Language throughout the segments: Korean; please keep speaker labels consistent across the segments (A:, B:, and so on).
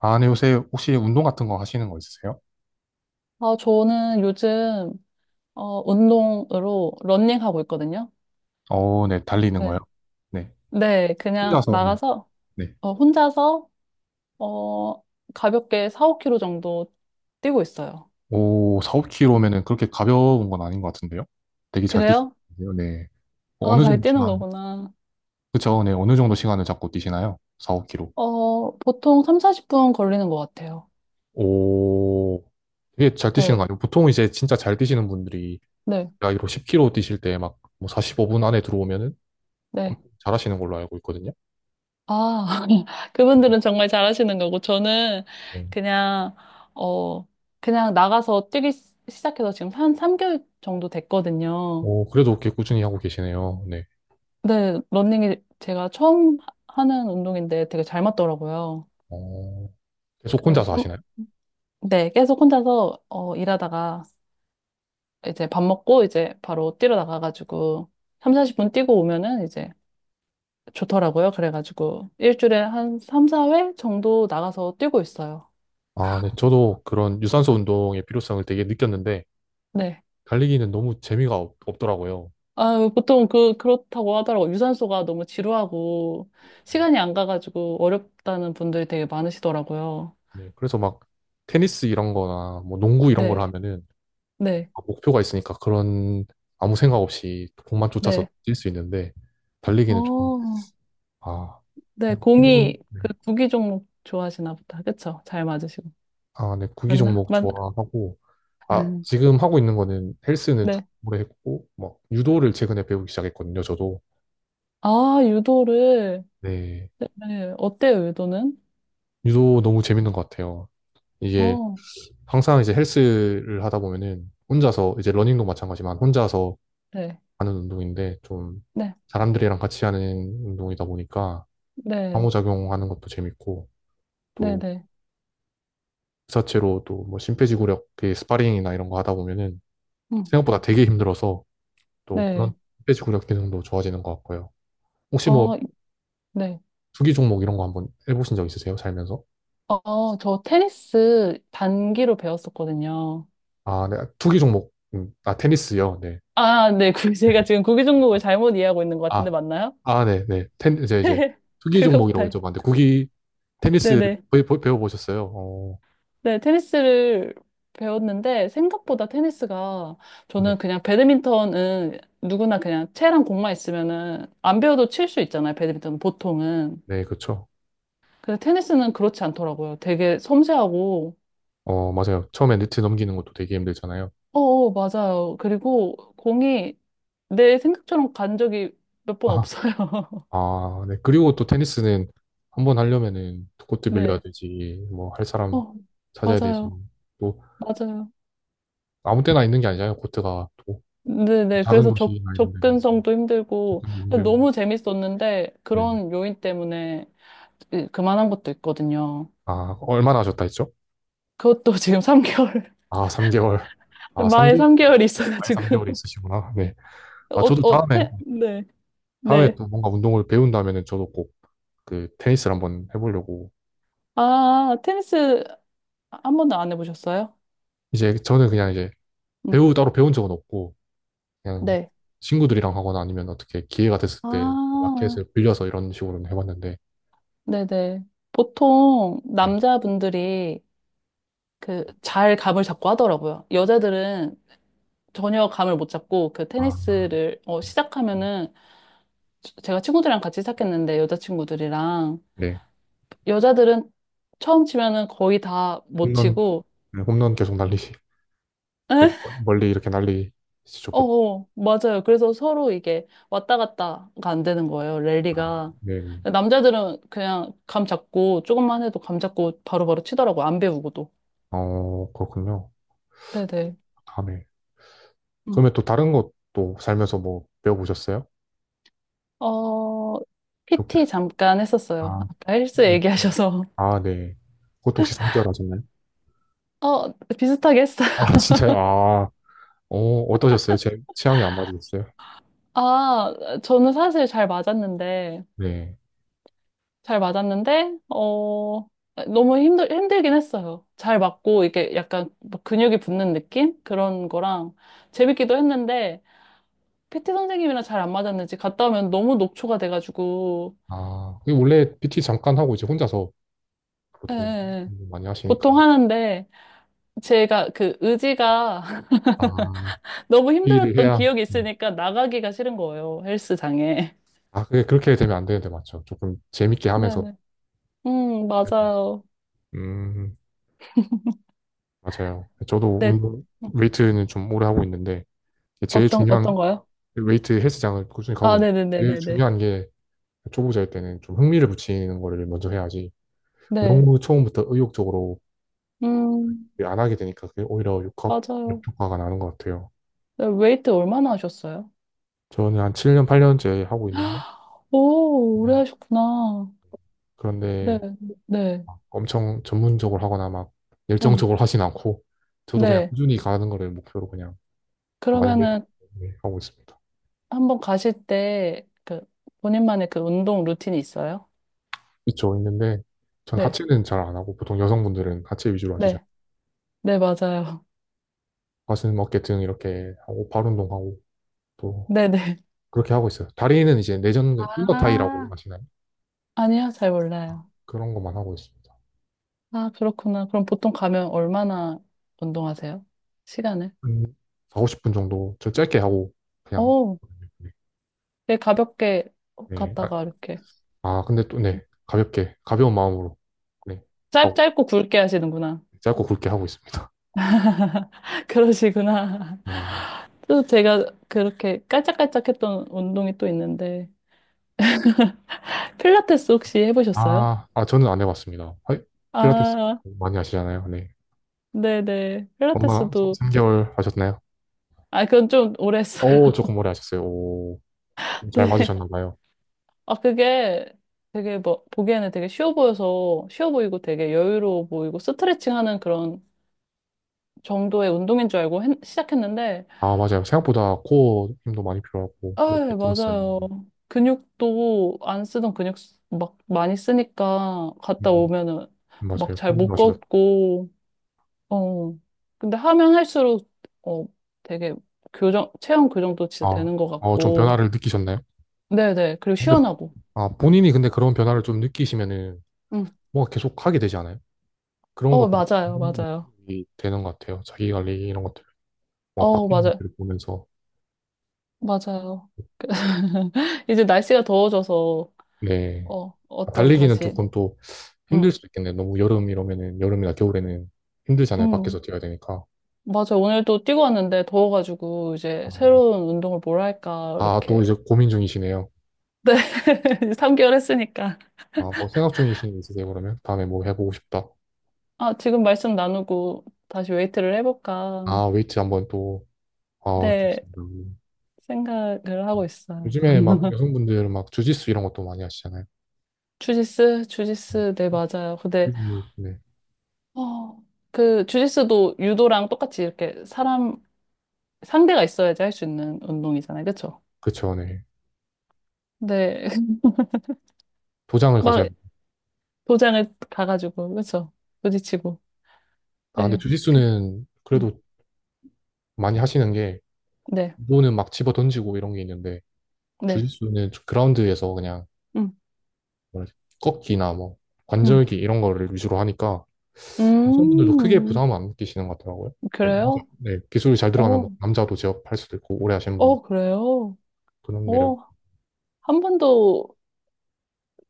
A: 아, 네, 요새 혹시 운동 같은 거 하시는 거 있으세요?
B: 아, 저는 요즘, 어, 운동으로 런닝하고 있거든요.
A: 어, 네, 달리는 거요?
B: 네.
A: 네.
B: 네, 그냥
A: 혼자서, 네,
B: 나가서,
A: 네.
B: 혼자서, 어, 가볍게 4, 5 k 로 정도 뛰고 있어요.
A: 오, 4, 5km면은 그렇게 가벼운 건 아닌 것 같은데요? 되게 잘
B: 그래요?
A: 뛰시는데요, 네.
B: 아,
A: 어느
B: 잘
A: 정도
B: 뛰는
A: 시간,
B: 거구나.
A: 그쵸, 네, 어느 정도 시간을 잡고 뛰시나요? 4, 5km.
B: 보통 3, 40분 걸리는 것 같아요.
A: 오, 되게 잘 뛰시는
B: 네,
A: 거 아니에요? 보통 이제 진짜 잘 뛰시는 분들이
B: 네,
A: 나이로 10km 뛰실 때 막 뭐 45분 안에 들어오면은
B: 네.
A: 엄청 잘하시는 걸로 알고 있거든요.
B: 아,
A: 그죠.
B: 그분들은 정말 잘하시는 거고, 저는
A: 네.
B: 그냥, 어, 그냥 나가서 뛰기 시작해서 지금 한 3개월 정도 됐거든요.
A: 오, 그래도 꽤 꾸준히 하고 계시네요, 네.
B: 네, 러닝이 제가 처음 하는 운동인데 되게 잘 맞더라고요.
A: 어, 계속
B: 그래서
A: 혼자서 하시나요?
B: 네, 계속 혼자서 일하다가 이제 밥 먹고 이제 바로 뛰러 나가가지고 삼, 40분 뛰고 오면은 이제 좋더라고요. 그래가지고 일주일에 한 3, 4회 정도 나가서 뛰고 있어요.
A: 아, 네. 저도 그런 유산소 운동의 필요성을 되게 느꼈는데,
B: 네.
A: 달리기는 너무 재미가 없, 없더라고요.
B: 아, 보통 그렇다고 하더라고요. 유산소가 너무 지루하고 시간이 안 가가지고 어렵다는 분들이 되게 많으시더라고요.
A: 네. 그래서 막 테니스 이런 거나 뭐 농구 이런 걸
B: 네,
A: 하면은
B: 네,
A: 아, 목표가 있으니까 그런 아무 생각 없이 공만 쫓아서
B: 네.
A: 뛸 수 있는데, 달리기는 좀,
B: 어,
A: 아,
B: 네,
A: 필요,
B: 공이
A: 네.
B: 그 구기 종목 좋아하시나 보다. 그쵸? 잘 맞으시고.
A: 아, 네. 구기
B: 맞나?
A: 종목 좋아하고, 아,
B: 음.
A: 지금 하고 있는 거는 헬스는 좀
B: 네.
A: 오래 했고, 막 유도를 최근에 배우기 시작했거든요, 저도.
B: 아, 유도를.
A: 네.
B: 네, 네. 어때요, 유도는?
A: 유도 너무 재밌는 것 같아요. 이게
B: 어,
A: 항상 이제 헬스를 하다 보면은 혼자서 이제 러닝도 마찬가지만 혼자서
B: 네.
A: 하는 운동인데 좀
B: 네,
A: 사람들이랑 같이 하는 운동이다 보니까
B: 네,
A: 상호작용하는 것도 재밌고
B: 네,
A: 또
B: 네.
A: 그 자체로 또 뭐 심폐지구력 그 스파링이나 이런 거 하다 보면은
B: 음,
A: 생각보다 되게 힘들어서 또 그런
B: 네.
A: 심폐지구력 기능도 좋아지는 것 같고요. 혹시 뭐
B: 어, 네.
A: 투기 종목 이런 거 한번 해보신 적 있으세요? 살면서?
B: 저 테니스 단기로 배웠었거든요.
A: 아, 네. 투기 종목. 아, 테니스요. 네.
B: 아, 네. 그
A: 네.
B: 제가 지금 구기 종목을 잘못 이해하고 있는 것 같은데,
A: 아,
B: 맞나요?
A: 아, 네, 네. 텐, 이제, 이제, 투기
B: 그거부터.
A: 종목이라고 여쭤봤는데, 구기 테니스
B: 네네.
A: 배워보셨어요? 어,
B: 네, 테니스를 배웠는데 생각보다 테니스가
A: 네.
B: 저는 그냥 배드민턴은 누구나 그냥 채랑 공만 있으면은 안 배워도 칠 수 있잖아요. 배드민턴은 보통은.
A: 네, 그렇죠.
B: 근데 테니스는 그렇지 않더라고요. 되게 섬세하고
A: 어, 맞아요. 처음에 네트 넘기는 것도 되게 힘들잖아요.
B: 어어 맞아요. 그리고 공이 내 생각처럼 간 적이 몇 번
A: 아,
B: 없어요.
A: 아, 네. 그리고 또 테니스는 한 번 하려면은 코트 빌려야
B: 네.
A: 되지, 뭐 할 사람
B: 어,
A: 찾아야 되지.
B: 맞아요.
A: 또
B: 맞아요.
A: 아무 때나 있는 게 아니잖아요. 코트가 또
B: 네네.
A: 작은
B: 그래서 접,
A: 도시나 이런 데는
B: 접근성도 힘들고,
A: 접근도 힘들고.
B: 너무 재밌었는데,
A: 네.
B: 그런 요인 때문에 그만한 것도 있거든요.
A: 아, 얼마나 하셨다 했죠?
B: 그것도 지금 3개월,
A: 아, 3개월. 아,
B: 마에
A: 3개월.
B: 3개월이
A: 아예
B: 있어가지고.
A: 3개월이 있으시구나. 네. 아,
B: 어,
A: 저도
B: 어,
A: 다음에,
B: 네,
A: 다음에
B: 네.
A: 또 뭔가 운동을 배운다면은 저도 꼭 그 테니스를 한번 해보려고
B: 아, 테니스 한 번도 안 해보셨어요?
A: 이제 저는 그냥 이제
B: 응,
A: 배우 따로 배운 적은 없고 그냥
B: 네.
A: 친구들이랑 하거나 아니면 어떻게 기회가 됐을
B: 아,
A: 때 마켓을 빌려서 이런 식으로는 해봤는데
B: 네네. 보통
A: 네.
B: 남자분들이 그 잘 감을 잡고 하더라고요. 여자들은 전혀 감을 못 잡고 그
A: 아,
B: 테니스를
A: 음,
B: 시작하면은 제가 친구들이랑 같이 시작했는데 여자친구들이랑
A: 네.
B: 여자들은 처음 치면은 거의 다 못
A: 홈런
B: 치고
A: 네, 홈런 계속 날리시
B: 에?
A: 멀리 이렇게 날리시죠.
B: 어,
A: 보-
B: 어, 맞아요. 그래서 서로 이게 왔다 갔다가 안 되는 거예요,
A: 아,
B: 랠리가.
A: 네.
B: 남자들은 그냥 감 잡고, 조금만 해도 감 잡고 바로바로 치더라고요. 안 배우고도.
A: 어 그렇군요.
B: 네네.
A: 다음에
B: 음.
A: 그러면 또 다른 것도 살면서 뭐 배워보셨어요?
B: 어,
A: 독-
B: PT 잠깐 했었어요.
A: 아,
B: 아까 헬스
A: 네.
B: 얘기하셔서.
A: 아, 네. 그것도 혹시 3개월 하셨나요?
B: 어, 비슷하게 했어요.
A: 아, 진짜요? 아, 어, 어떠셨어요? 제 취향이 안 맞으셨어요?
B: 아, 저는 사실 잘 맞았는데,
A: 네.
B: 잘 맞았는데, 어, 너무 힘들긴 했어요. 잘 맞고, 이게 약간 막 근육이 붙는 느낌? 그런 거랑 재밌기도 했는데, PT 선생님이랑 잘 안 맞았는지 갔다 오면 너무 녹초가 돼가지고,
A: 아, 그게 원래 PT 잠깐 하고 이제 혼자서
B: 예, 예,
A: 보통
B: 예.
A: 많이 하시니까.
B: 보통 하는데, 제가 그 의지가
A: 아,
B: 너무
A: 일을를
B: 힘들었던
A: 해야.
B: 기억이
A: 음.
B: 있으니까 나가기가 싫은 거예요, 헬스장에.
A: 아, 그게 그렇게 되면 안 되는데, 맞죠. 조금 재밌게 하면서.
B: 네네.
A: 해야 돼요.
B: 맞아요.
A: 음, 맞아요. 저도
B: 네.
A: 운동, 웨이트는 좀 오래 하고 있는데, 제일 중요한,
B: 어떤 거요?
A: 웨이트 헬스장을 꾸준히 가고
B: 아,
A: 있는데, 제일
B: 네네네네네.
A: 중요한 게 초보자일 때는 좀 흥미를 붙이는 거를 먼저 해야지.
B: 네.
A: 너무 처음부터 의욕적으로
B: 음,
A: 안 하게 되니까 그게 오히려 역학,
B: 맞아요.
A: 역효과가 나는 것 같아요.
B: 네, 웨이트 얼마나 하셨어요?
A: 저는 한 7년, 8년째 하고 있는데,
B: 오,
A: 네.
B: 오래 하셨구나. 네,
A: 그런데
B: 네,
A: 엄청 전문적으로 하거나 막
B: 응,
A: 열정적으로 하진 않고 저도 그냥
B: 네.
A: 꾸준히 가는 거를 목표로 그냥 좀 많이 늘-
B: 그러면은
A: 네, 하고 있습니다.
B: 한번 가실 때 그 본인만의 그 운동 루틴이 있어요?
A: 있죠, 있는데 전
B: 네,
A: 하체는 잘 안 하고 보통 여성분들은 하체 위주로 하시잖아요.
B: 네, 네, 맞아요.
A: 가슴, 어깨 등 이렇게 하고 발 운동하고 또
B: 네, 네.
A: 그렇게 하고 있어요. 다리는 이제 내전 인거타이라고
B: 아,
A: 하시나요?
B: 아니요, 잘
A: 아,
B: 몰라요.
A: 그런 것만 하고 있습니다.
B: 아, 그렇구나. 그럼 보통 가면 얼마나 운동하세요? 시간을?
A: 한 4, 50분 정도 저 짧게 하고 그냥
B: 오,
A: 네.
B: 네, 가볍게
A: 네. 아,
B: 갔다가 이렇게
A: 아, 근데 또 네. 가볍게 가벼운 마음으로 네. 하고
B: 짧고 굵게 하시는구나.
A: 짧고 굵게 하고 있습니다.
B: 그러시구나.
A: 음.
B: 또 제가 그렇게 깔짝깔짝했던 운동이 또 있는데 필라테스 혹시 해보셨어요?
A: 아, 아, 저는 안 해봤습니다. 하이, 필라테스
B: 아,
A: 많이 하시잖아요. 네.
B: 네네.
A: 얼마, 3,
B: 필라테스도
A: 개월 하셨나요?
B: 아 그건 좀 오래 했어요.
A: 오, 조금 오래 하셨어요. 오, 잘
B: 네.
A: 맞으셨나 봐요.
B: 아 그게 되게 뭐 보기에는 되게 쉬워 보여서 쉬워 보이고 되게 여유로워 보이고 스트레칭하는 그런 정도의 운동인 줄 알고 시작했는데
A: 아, 맞아요. 생각보다 코어 힘도 많이 필요하고,
B: 아,
A: 그렇게
B: 예,
A: 들었어요.
B: 맞아요. 근육도 안 쓰던 근육 막 많이 쓰니까 갔다
A: 음,
B: 오면은 막
A: 맞아요.
B: 잘 못
A: 궁금하시다.
B: 걷고, 어. 근데 하면 할수록, 어, 되게 교정, 체형 교정도 진짜
A: 아,
B: 되는 것
A: 좀
B: 같고,
A: 변화를 느끼셨나요?
B: 네네. 그리고
A: 근데,
B: 시원하고.
A: 아, 본인이 근데 그런 변화를 좀 느끼시면은,
B: 응.
A: 뭔가 계속 하게 되지 않아요? 그런 것들이
B: 맞아요.
A: 좀
B: 맞아요.
A: 도움이 되는 것 같아요. 자기 관리 이런 것들, 뭐 바뀌는
B: 맞아요.
A: 것들을 보면서.
B: 맞아요. 이제 날씨가 더워져서,
A: 네.
B: 어떤
A: 달리기는
B: 다시,
A: 조금 또 힘들
B: 응,
A: 수도 있겠네. 너무 여름 이러면은, 여름이나 겨울에는 힘들잖아요.
B: 응.
A: 밖에서 뛰어야 되니까.
B: 맞아. 오늘도 뛰고 왔는데 더워가지고 이제
A: 아,
B: 새로운 운동을 뭘 할까,
A: 아, 또
B: 이렇게.
A: 이제 고민 중이시네요.
B: 네. 3개월 했으니까.
A: 아, 뭐 생각 중이신 게 있으세요, 그러면? 다음에 뭐 해보고 싶다.
B: 아, 지금 말씀 나누고 다시 웨이트를 해볼까.
A: 아, 웨이트 한번 또, 아,
B: 네,
A: 좋습니다.
B: 생각을 하고 있어요.
A: 요즘에 막 여성분들 막 주짓수 이런 것도 많이 하시잖아요.
B: 주짓수, 주짓수, 네, 맞아요. 근데,
A: 네.
B: 어, 그, 주짓수도 유도랑 똑같이 이렇게 사람, 상대가 있어야지 할 수 있는 운동이잖아요. 그쵸?
A: 그쵸, 네.
B: 네,
A: 도장을 가셔야,
B: 막 도장을 가가지고, 그쵸? 부딪히고.
A: 아, 근데
B: 네, 그-
A: 주짓수는
B: 음,
A: 그래도 많이 하시는 게,
B: 네,
A: 운동은 막 집어 던지고 이런 게 있는데,
B: 네.
A: 주짓수는 그라운드에서 그냥
B: 음,
A: 뭐라 해야 되지? 꺾기나 뭐,
B: 음.
A: 관절기 이런 거를 위주로 하니까, 여성분들도 크게
B: 음,
A: 부담을 안 느끼시는 것 같더라고요. 네, 남자,
B: 그래요?
A: 네, 기술이 잘 들어가면
B: 오,
A: 막 남자도 제압할 수도 있고 오래 하시는 분들
B: 어, 그래요?
A: 그런 매력이.
B: 오, 한 번도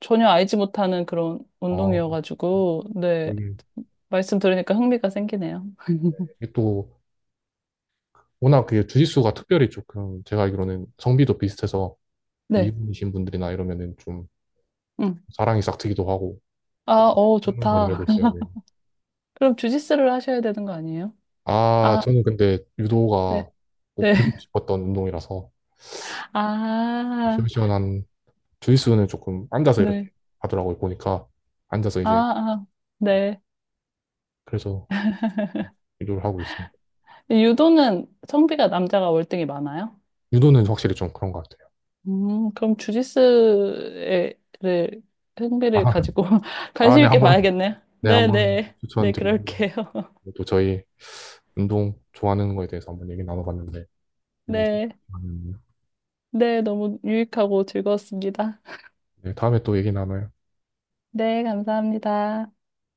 B: 전혀 알지 못하는 그런
A: 아, 또
B: 운동이어가지고, 네.
A: 이게
B: 말씀 들으니까 흥미가 생기네요.
A: 이게 또 워낙 그 주짓수가 특별히 조금 제가 알기로는 성비도 비슷해서
B: 네.
A: 미분이신 분들이나 이러면은 좀
B: 음.
A: 사랑이 싹 트기도 하고
B: 아, 어,
A: 그런 걸로 알고
B: 좋다.
A: 있어요. 네.
B: 그럼 주짓수를 하셔야 되는 거 아니에요?
A: 아,
B: 아,
A: 저는 근데 유도가
B: 네.
A: 꼭
B: 네.
A: 배우고 싶었던 운동이라서
B: 아,
A: 시원시원한 주짓수는 조금 앉아서 이렇게
B: 네.
A: 하더라고요. 보니까 앉아서
B: 아,
A: 이제
B: 아, 네.
A: 그래서 유도를 하고 있어요.
B: 유도는 성비가 남자가 월등히 많아요?
A: 유도는 확실히 좀 그런 것 같아요.
B: 그럼 를, 흥미를
A: 아,
B: 가지고
A: 아, 네,
B: 관심
A: 네네.
B: 있게
A: 한번,
B: 봐야겠네요.
A: 네, 네.
B: 네,
A: 한번
B: 네. 네,
A: 추천드리고,
B: 그럴게요.
A: 또 저희 운동 좋아하는 거에 대해서 한번 얘기 나눠봤는데, 너무
B: 네.
A: 좋네요.
B: 네, 너무 유익하고 즐거웠습니다.
A: 네, 다음에 또 얘기 나눠요.
B: 네, 감사합니다.